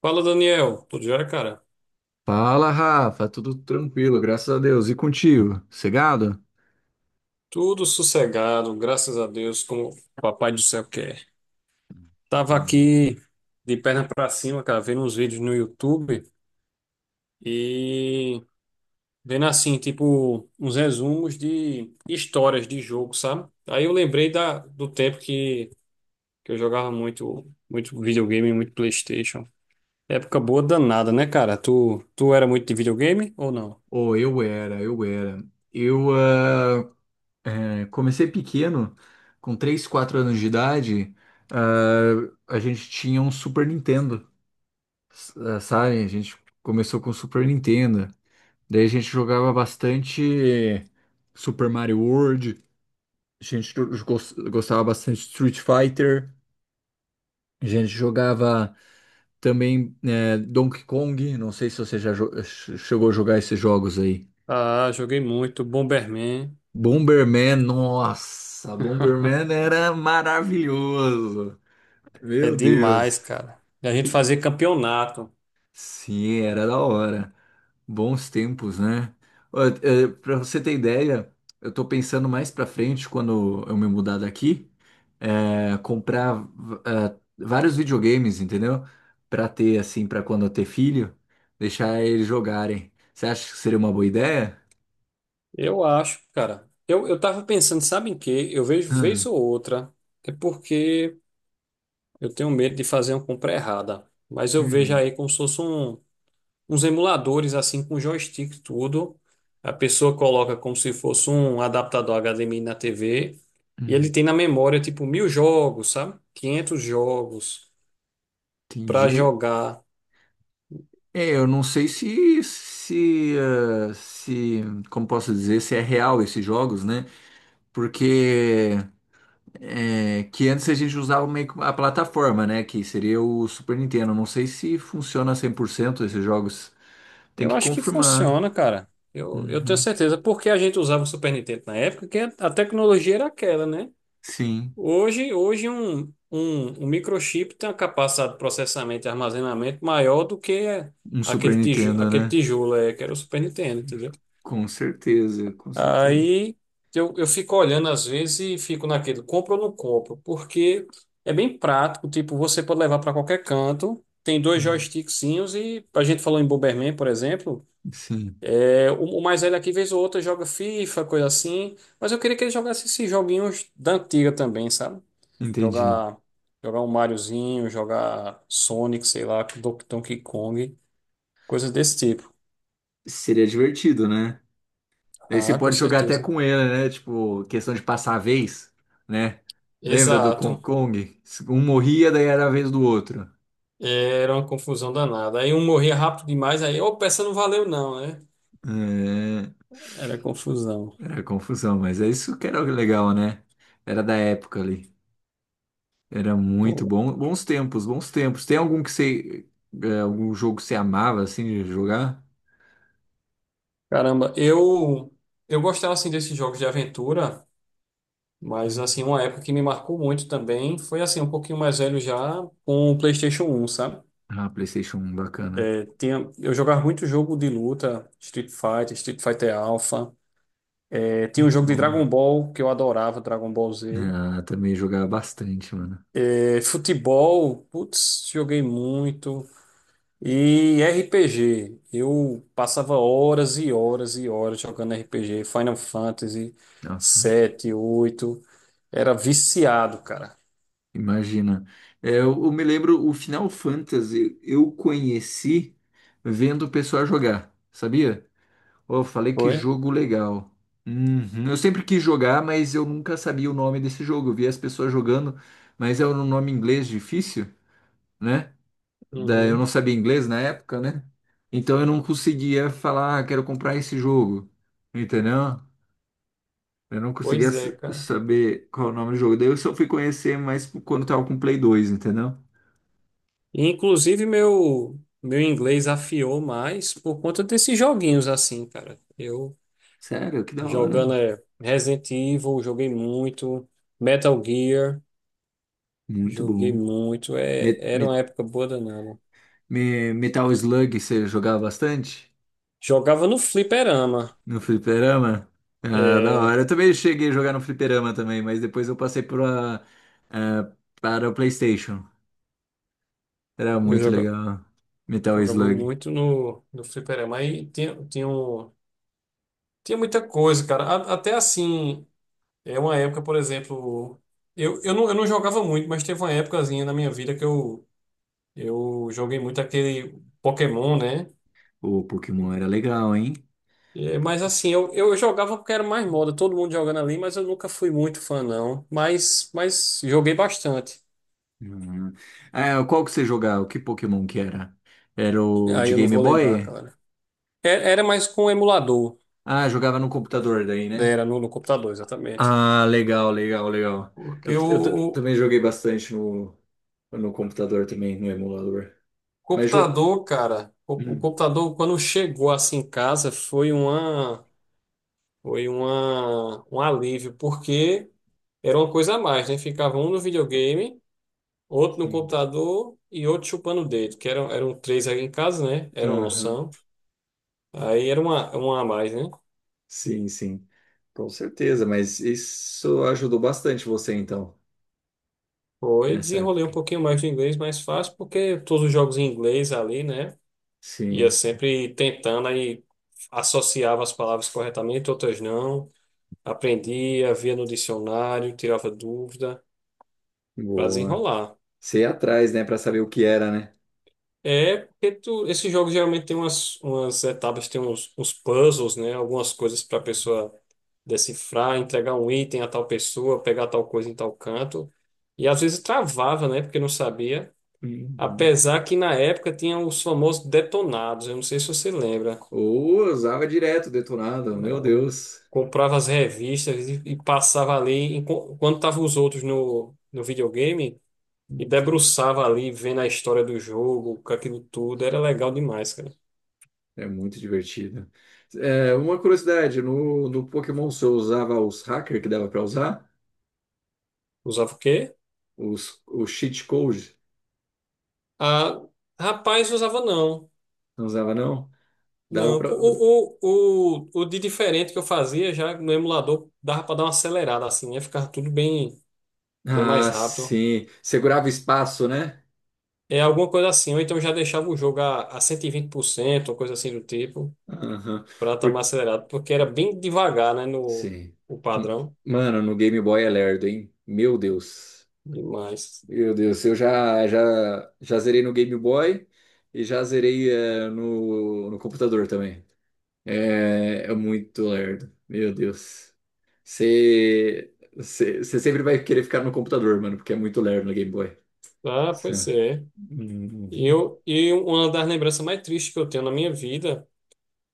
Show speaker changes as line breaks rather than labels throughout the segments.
Fala, Daniel. Tudo jóia, cara?
Fala, Rafa, tudo tranquilo, graças a Deus. E contigo? Cegado?
Tudo sossegado, graças a Deus, como o papai do céu quer.
Que
Tava
bom.
aqui de perna pra cima, cara, vendo uns vídeos no YouTube e vendo assim, tipo, uns resumos de histórias de jogo, sabe? Aí eu lembrei do tempo que eu jogava muito, muito videogame, muito PlayStation. Época boa danada, né, cara? Tu era muito de videogame ou não?
Oh, eu era, eu era. Eu ah, comecei pequeno, com 3, 4 anos de idade, a gente tinha um Super Nintendo, sabe? A gente começou com o Super Nintendo. Daí a gente jogava bastante Super Mario World, a gente go- gostava bastante de Street Fighter, a gente jogava. Também Donkey Kong, não sei se você já chegou a jogar esses jogos aí.
Ah, joguei muito, Bomberman.
Bomberman, nossa, Bomberman era maravilhoso.
É
Meu
demais,
Deus.
cara. E a gente
Tem-
fazer campeonato.
Sim, era da hora. Bons tempos, né? Para você ter ideia, eu tô pensando mais pra frente, quando eu me mudar daqui, comprar vários videogames, entendeu? Pra ter, assim, pra quando eu ter filho, deixar eles jogarem. Você acha que seria uma boa ideia?
Eu acho, cara. Eu tava pensando, sabe em quê? Eu vejo vez
Ah.
ou outra. É porque eu tenho medo de fazer uma compra errada. Mas eu vejo
Hum.
aí como se fosse uns emuladores, assim, com joystick e tudo. A pessoa coloca como se fosse um adaptador HDMI na TV. E ele
Hum,
tem na memória, tipo, 1.000 jogos, sabe? 500 jogos pra
entendi.
jogar.
É, eu não sei se, como posso dizer, se é real esses jogos, né? Porque é, que antes a gente usava meio que a plataforma, né? Que seria o Super Nintendo. Não sei se funciona 100% esses jogos. Tem
Eu
que
acho que
confirmar.
funciona, cara. Eu tenho
Uhum.
certeza, porque a gente usava o Super Nintendo na época, que a tecnologia era aquela, né?
Sim,
Hoje, um microchip tem uma capacidade de processamento e armazenamento maior do que
um Super Nintendo,
aquele
né?
tijolo que era o Super Nintendo, entendeu?
Com certeza, com certeza.
Aí eu fico olhando às vezes e fico naquele, compro ou não compro, porque é bem prático, tipo, você pode levar para qualquer canto, tem dois
Hum.
joystickzinhos e a gente falou em Bomberman, por exemplo.
Sim,
O mais velho aqui, vez ou outra, joga FIFA, coisa assim. Mas eu queria que ele jogasse esses joguinhos da antiga também, sabe?
entendi.
Jogar, jogar um Mariozinho, jogar Sonic, sei lá, Donkey Kong, coisas desse tipo.
Seria divertido, né? Aí você
Ah, com
pode jogar até
certeza.
com ele, né? Tipo, questão de passar a vez, né? Lembra do Kong
Exato.
Kong? Um morria, daí era a vez do outro.
Era uma confusão danada. Aí um morria rápido demais, aí, opa, essa não valeu não, né?
É,
Era confusão.
era confusão, mas é isso que era o legal, né? Era da época ali. Era muito bom. Bons tempos, bons tempos. Tem algum que você. Algum jogo que você amava assim de jogar?
Caramba, eu gostava assim desses jogos de aventura. Mas, assim, uma época que me marcou muito também foi, assim, um pouquinho mais velho já com o PlayStation 1 sabe?
Ah, PlayStation 1, bacana.
Eu jogava muito jogo de luta, Street Fighter, Street Fighter Alpha. Tinha um
Muito
jogo de
bom.
Dragon Ball que eu adorava, Dragon Ball Z.
Ah, também jogava bastante, mano.
Futebol, putz, joguei muito. E RPG, eu passava horas e horas e horas jogando RPG, Final Fantasy
Ah, fant-
7 8. Era viciado, cara.
Imagina. É, eu me lembro o Final Fantasy, eu conheci vendo o pessoal jogar, sabia? Pô, falei que
Foi?
jogo legal. Uhum. Eu sempre quis jogar, mas eu nunca sabia o nome desse jogo. Eu via as pessoas jogando, mas é um nome em inglês difícil, né? Eu não
Uhum.
sabia inglês na época, né? Então eu não conseguia falar, ah, quero comprar esse jogo, entendeu? Eu não conseguia
Pois é, cara.
saber qual é o nome do jogo. Daí eu só fui conhecer mais quando tava com o Play 2, entendeu?
E, inclusive, meu inglês afiou mais por conta desses joguinhos assim, cara. Eu
Sério, que da hora.
jogando Resident Evil, joguei muito, Metal Gear,
Muito
joguei
bom.
muito. É,
Me-
era uma
me-
época boa danada.
Metal Slug, você jogava bastante?
Jogava no fliperama.
No fliperama? Ah, da
É,
hora. Eu também cheguei a jogar no fliperama também, mas depois eu passei ah, para o PlayStation. Era
eu
muito
joga,
legal. Metal
jogava
Slug.
muito no fliperama. Aí tinha muita coisa, cara. Até assim, é uma época, por exemplo. Não, eu não jogava muito, mas teve uma épocazinha na minha vida que eu joguei muito aquele Pokémon, né?
O Pokémon era legal, hein?
É,
Po-
mas
po-
assim, eu jogava porque era mais moda, todo mundo jogando ali, mas eu nunca fui muito fã, não. Mas joguei bastante.
Uhum. Ah, qual que você jogava? Que Pokémon que era? Era o
Aí
de
eu não
Game
vou lembrar,
Boy?
cara. Era mais com emulador,
Ah, jogava no computador daí,
né?
né?
Era no computador, exatamente.
Ah, legal, legal, legal.
Porque
Também joguei bastante no computador também, no emulador. Mas jo...
o
Hum,
computador, quando chegou assim em casa, foi um alívio, porque era uma coisa a mais, né? Ficava um no videogame, outro no
sim.
computador e outro chupando o dedo, que eram três aí em casa, né? Eram, não
Aham.
são. Aí era uma a mais, né?
Sim, sim, com certeza, mas isso ajudou bastante você então,
Foi,
nessa
desenrolei um
época.
pouquinho mais de inglês, mais fácil, porque todos os jogos em inglês ali, né? Ia
Sim,
sempre tentando, aí associava as palavras corretamente, outras não. Aprendia, via no dicionário, tirava dúvida, para
boa.
desenrolar.
Você ia atrás, né? Pra saber o que era, né?
É, porque tu, esses jogos geralmente tem umas etapas, tem uns puzzles, né? Algumas coisas para a pessoa decifrar, entregar um item a tal pessoa, pegar tal coisa em tal canto. E às vezes travava, né? Porque não sabia.
Uhum.
Apesar que na época tinha os famosos detonados, eu não sei se você lembra.
Ou eu usava direto detonado, meu Deus.
Comprava as revistas e passava ali, quando estavam os outros no videogame, e
Uhum.
debruçava ali, vendo a história do jogo, com aquilo tudo. Era legal demais, cara.
É muito divertido. É, uma curiosidade, no Pokémon você usava os hackers que dava pra usar?
Usava o quê?
Os, o cheat code?
Ah, rapaz, usava não.
Não usava não? Dava
Não,
pra...
o de diferente que eu fazia já no emulador dava para dar uma acelerada assim, né? Ficava tudo bem, bem mais
Ah,
rápido.
sim. Segurava espaço, né?
É alguma coisa assim, ou então já deixava o jogo a 120%, ou coisa assim do tipo,
Aham.
para estar mais acelerado, porque era bem devagar, né? No
Sim.
o
M-
padrão
Mano, no Game Boy é lerdo, hein? Meu Deus.
demais.
Meu Deus, eu já zerei no Game Boy e já zerei no computador também. É, é muito lerdo. Meu Deus. Você você sempre vai querer ficar no computador, mano, porque é muito lerdo no Game Boy.
Ah,
Cê-
pois é.
Uhum.
E uma das lembranças mais tristes que eu tenho na minha vida,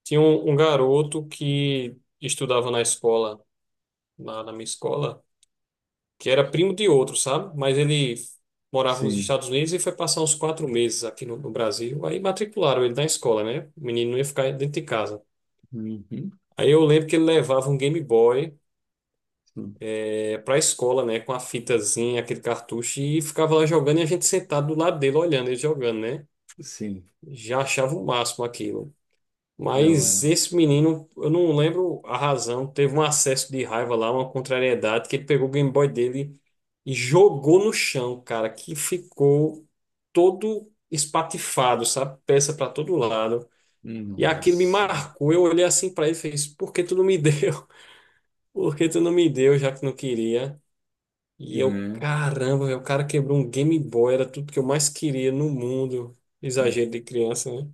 tinha um garoto que estudava na escola, lá na minha escola, que era primo de outro, sabe? Mas ele morava nos
Sim.
Estados Unidos e foi passar uns 4 meses aqui no Brasil. Aí matricularam ele na escola, né? O menino não ia ficar dentro de casa.
Uhum.
Aí eu lembro que ele levava um Game Boy
Sim.
pra escola, né? Com a fitazinha, aquele cartucho, e ficava lá jogando e a gente sentado do lado dele olhando ele jogando, né?
Sim.
Já achava o máximo aquilo.
Que da
Mas
hora.
esse menino, eu não lembro a razão, teve um acesso de raiva lá, uma contrariedade, que ele pegou o Game Boy dele e jogou no chão, cara, que ficou todo espatifado, sabe? Peça para todo lado. E aquilo me
Nossa.
marcou. Eu olhei assim para ele e fez: Por que tu não me deu? Por que tu não me deu, já que não queria? E eu, caramba, velho, o cara quebrou um Game Boy, era tudo que eu mais queria no mundo.
Né?
Exagero de criança, né?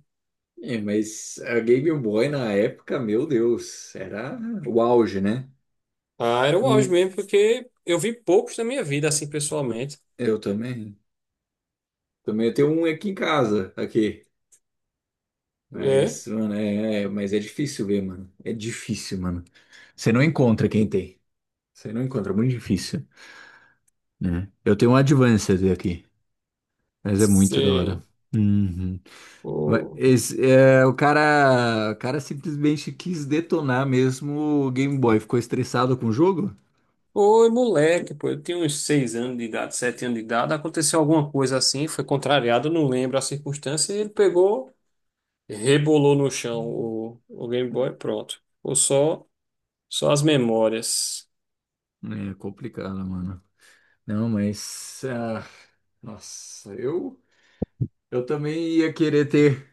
É, mas a Game Boy na época, meu Deus, era o auge, né?
Ah, era o auge
Hum,
mesmo, porque eu vi poucos na minha vida, assim, pessoalmente.
eu também. Também eu tenho um aqui em casa, aqui.
É,
Mas, mano, mas é difícil ver, mano. É difícil, mano. Você não encontra quem tem. Você não encontra, é muito difícil, né? Eu tenho um Advanced aqui, mas é muito da hora.
sim.
Uhum. Mas
Ô,
esse, é, o cara simplesmente quis detonar mesmo o Game Boy. Ficou estressado com o jogo?
Oi, moleque, pô, eu tinha uns 6 anos de idade, 7 anos de idade, aconteceu alguma coisa assim, foi contrariado, não lembro a circunstância, e ele pegou, rebolou no chão o Game Boy, pronto. Ou só as memórias.
É complicado, mano. Não, mas. Ah, nossa, eu. Eu também ia querer ter,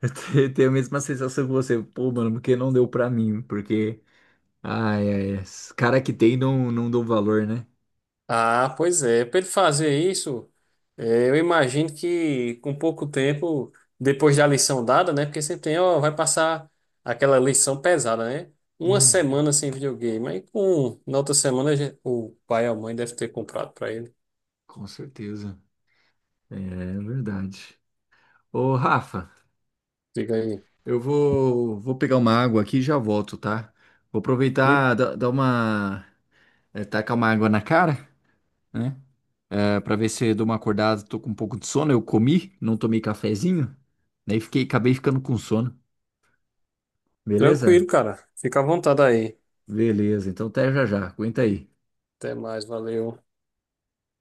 ter a mesma sensação que você. Pô, mano, porque não deu pra mim? Porque. Ai, ai, esses cara que tem não, não dão valor, né?
Ah, pois é. Para ele fazer isso, eu imagino que com pouco tempo, depois da lição dada, né? Porque sempre tem, ó, vai passar aquela lição pesada, né? Uma
Hum,
semana sem videogame. Na outra semana o pai ou a mãe deve ter comprado para ele.
com certeza. É verdade. Ô, Rafa,
Diga aí.
eu vou pegar uma água aqui e já volto, tá? Vou
E
aproveitar, dar uma. Tacar uma água na cara, né? É, pra ver se eu dou uma acordada, tô com um pouco de sono. Eu comi, não tomei cafezinho, daí fiquei, acabei ficando com sono.
tranquilo,
Beleza?
cara. Fica à vontade aí.
Beleza, então até já já. Aguenta aí.
Até mais, valeu.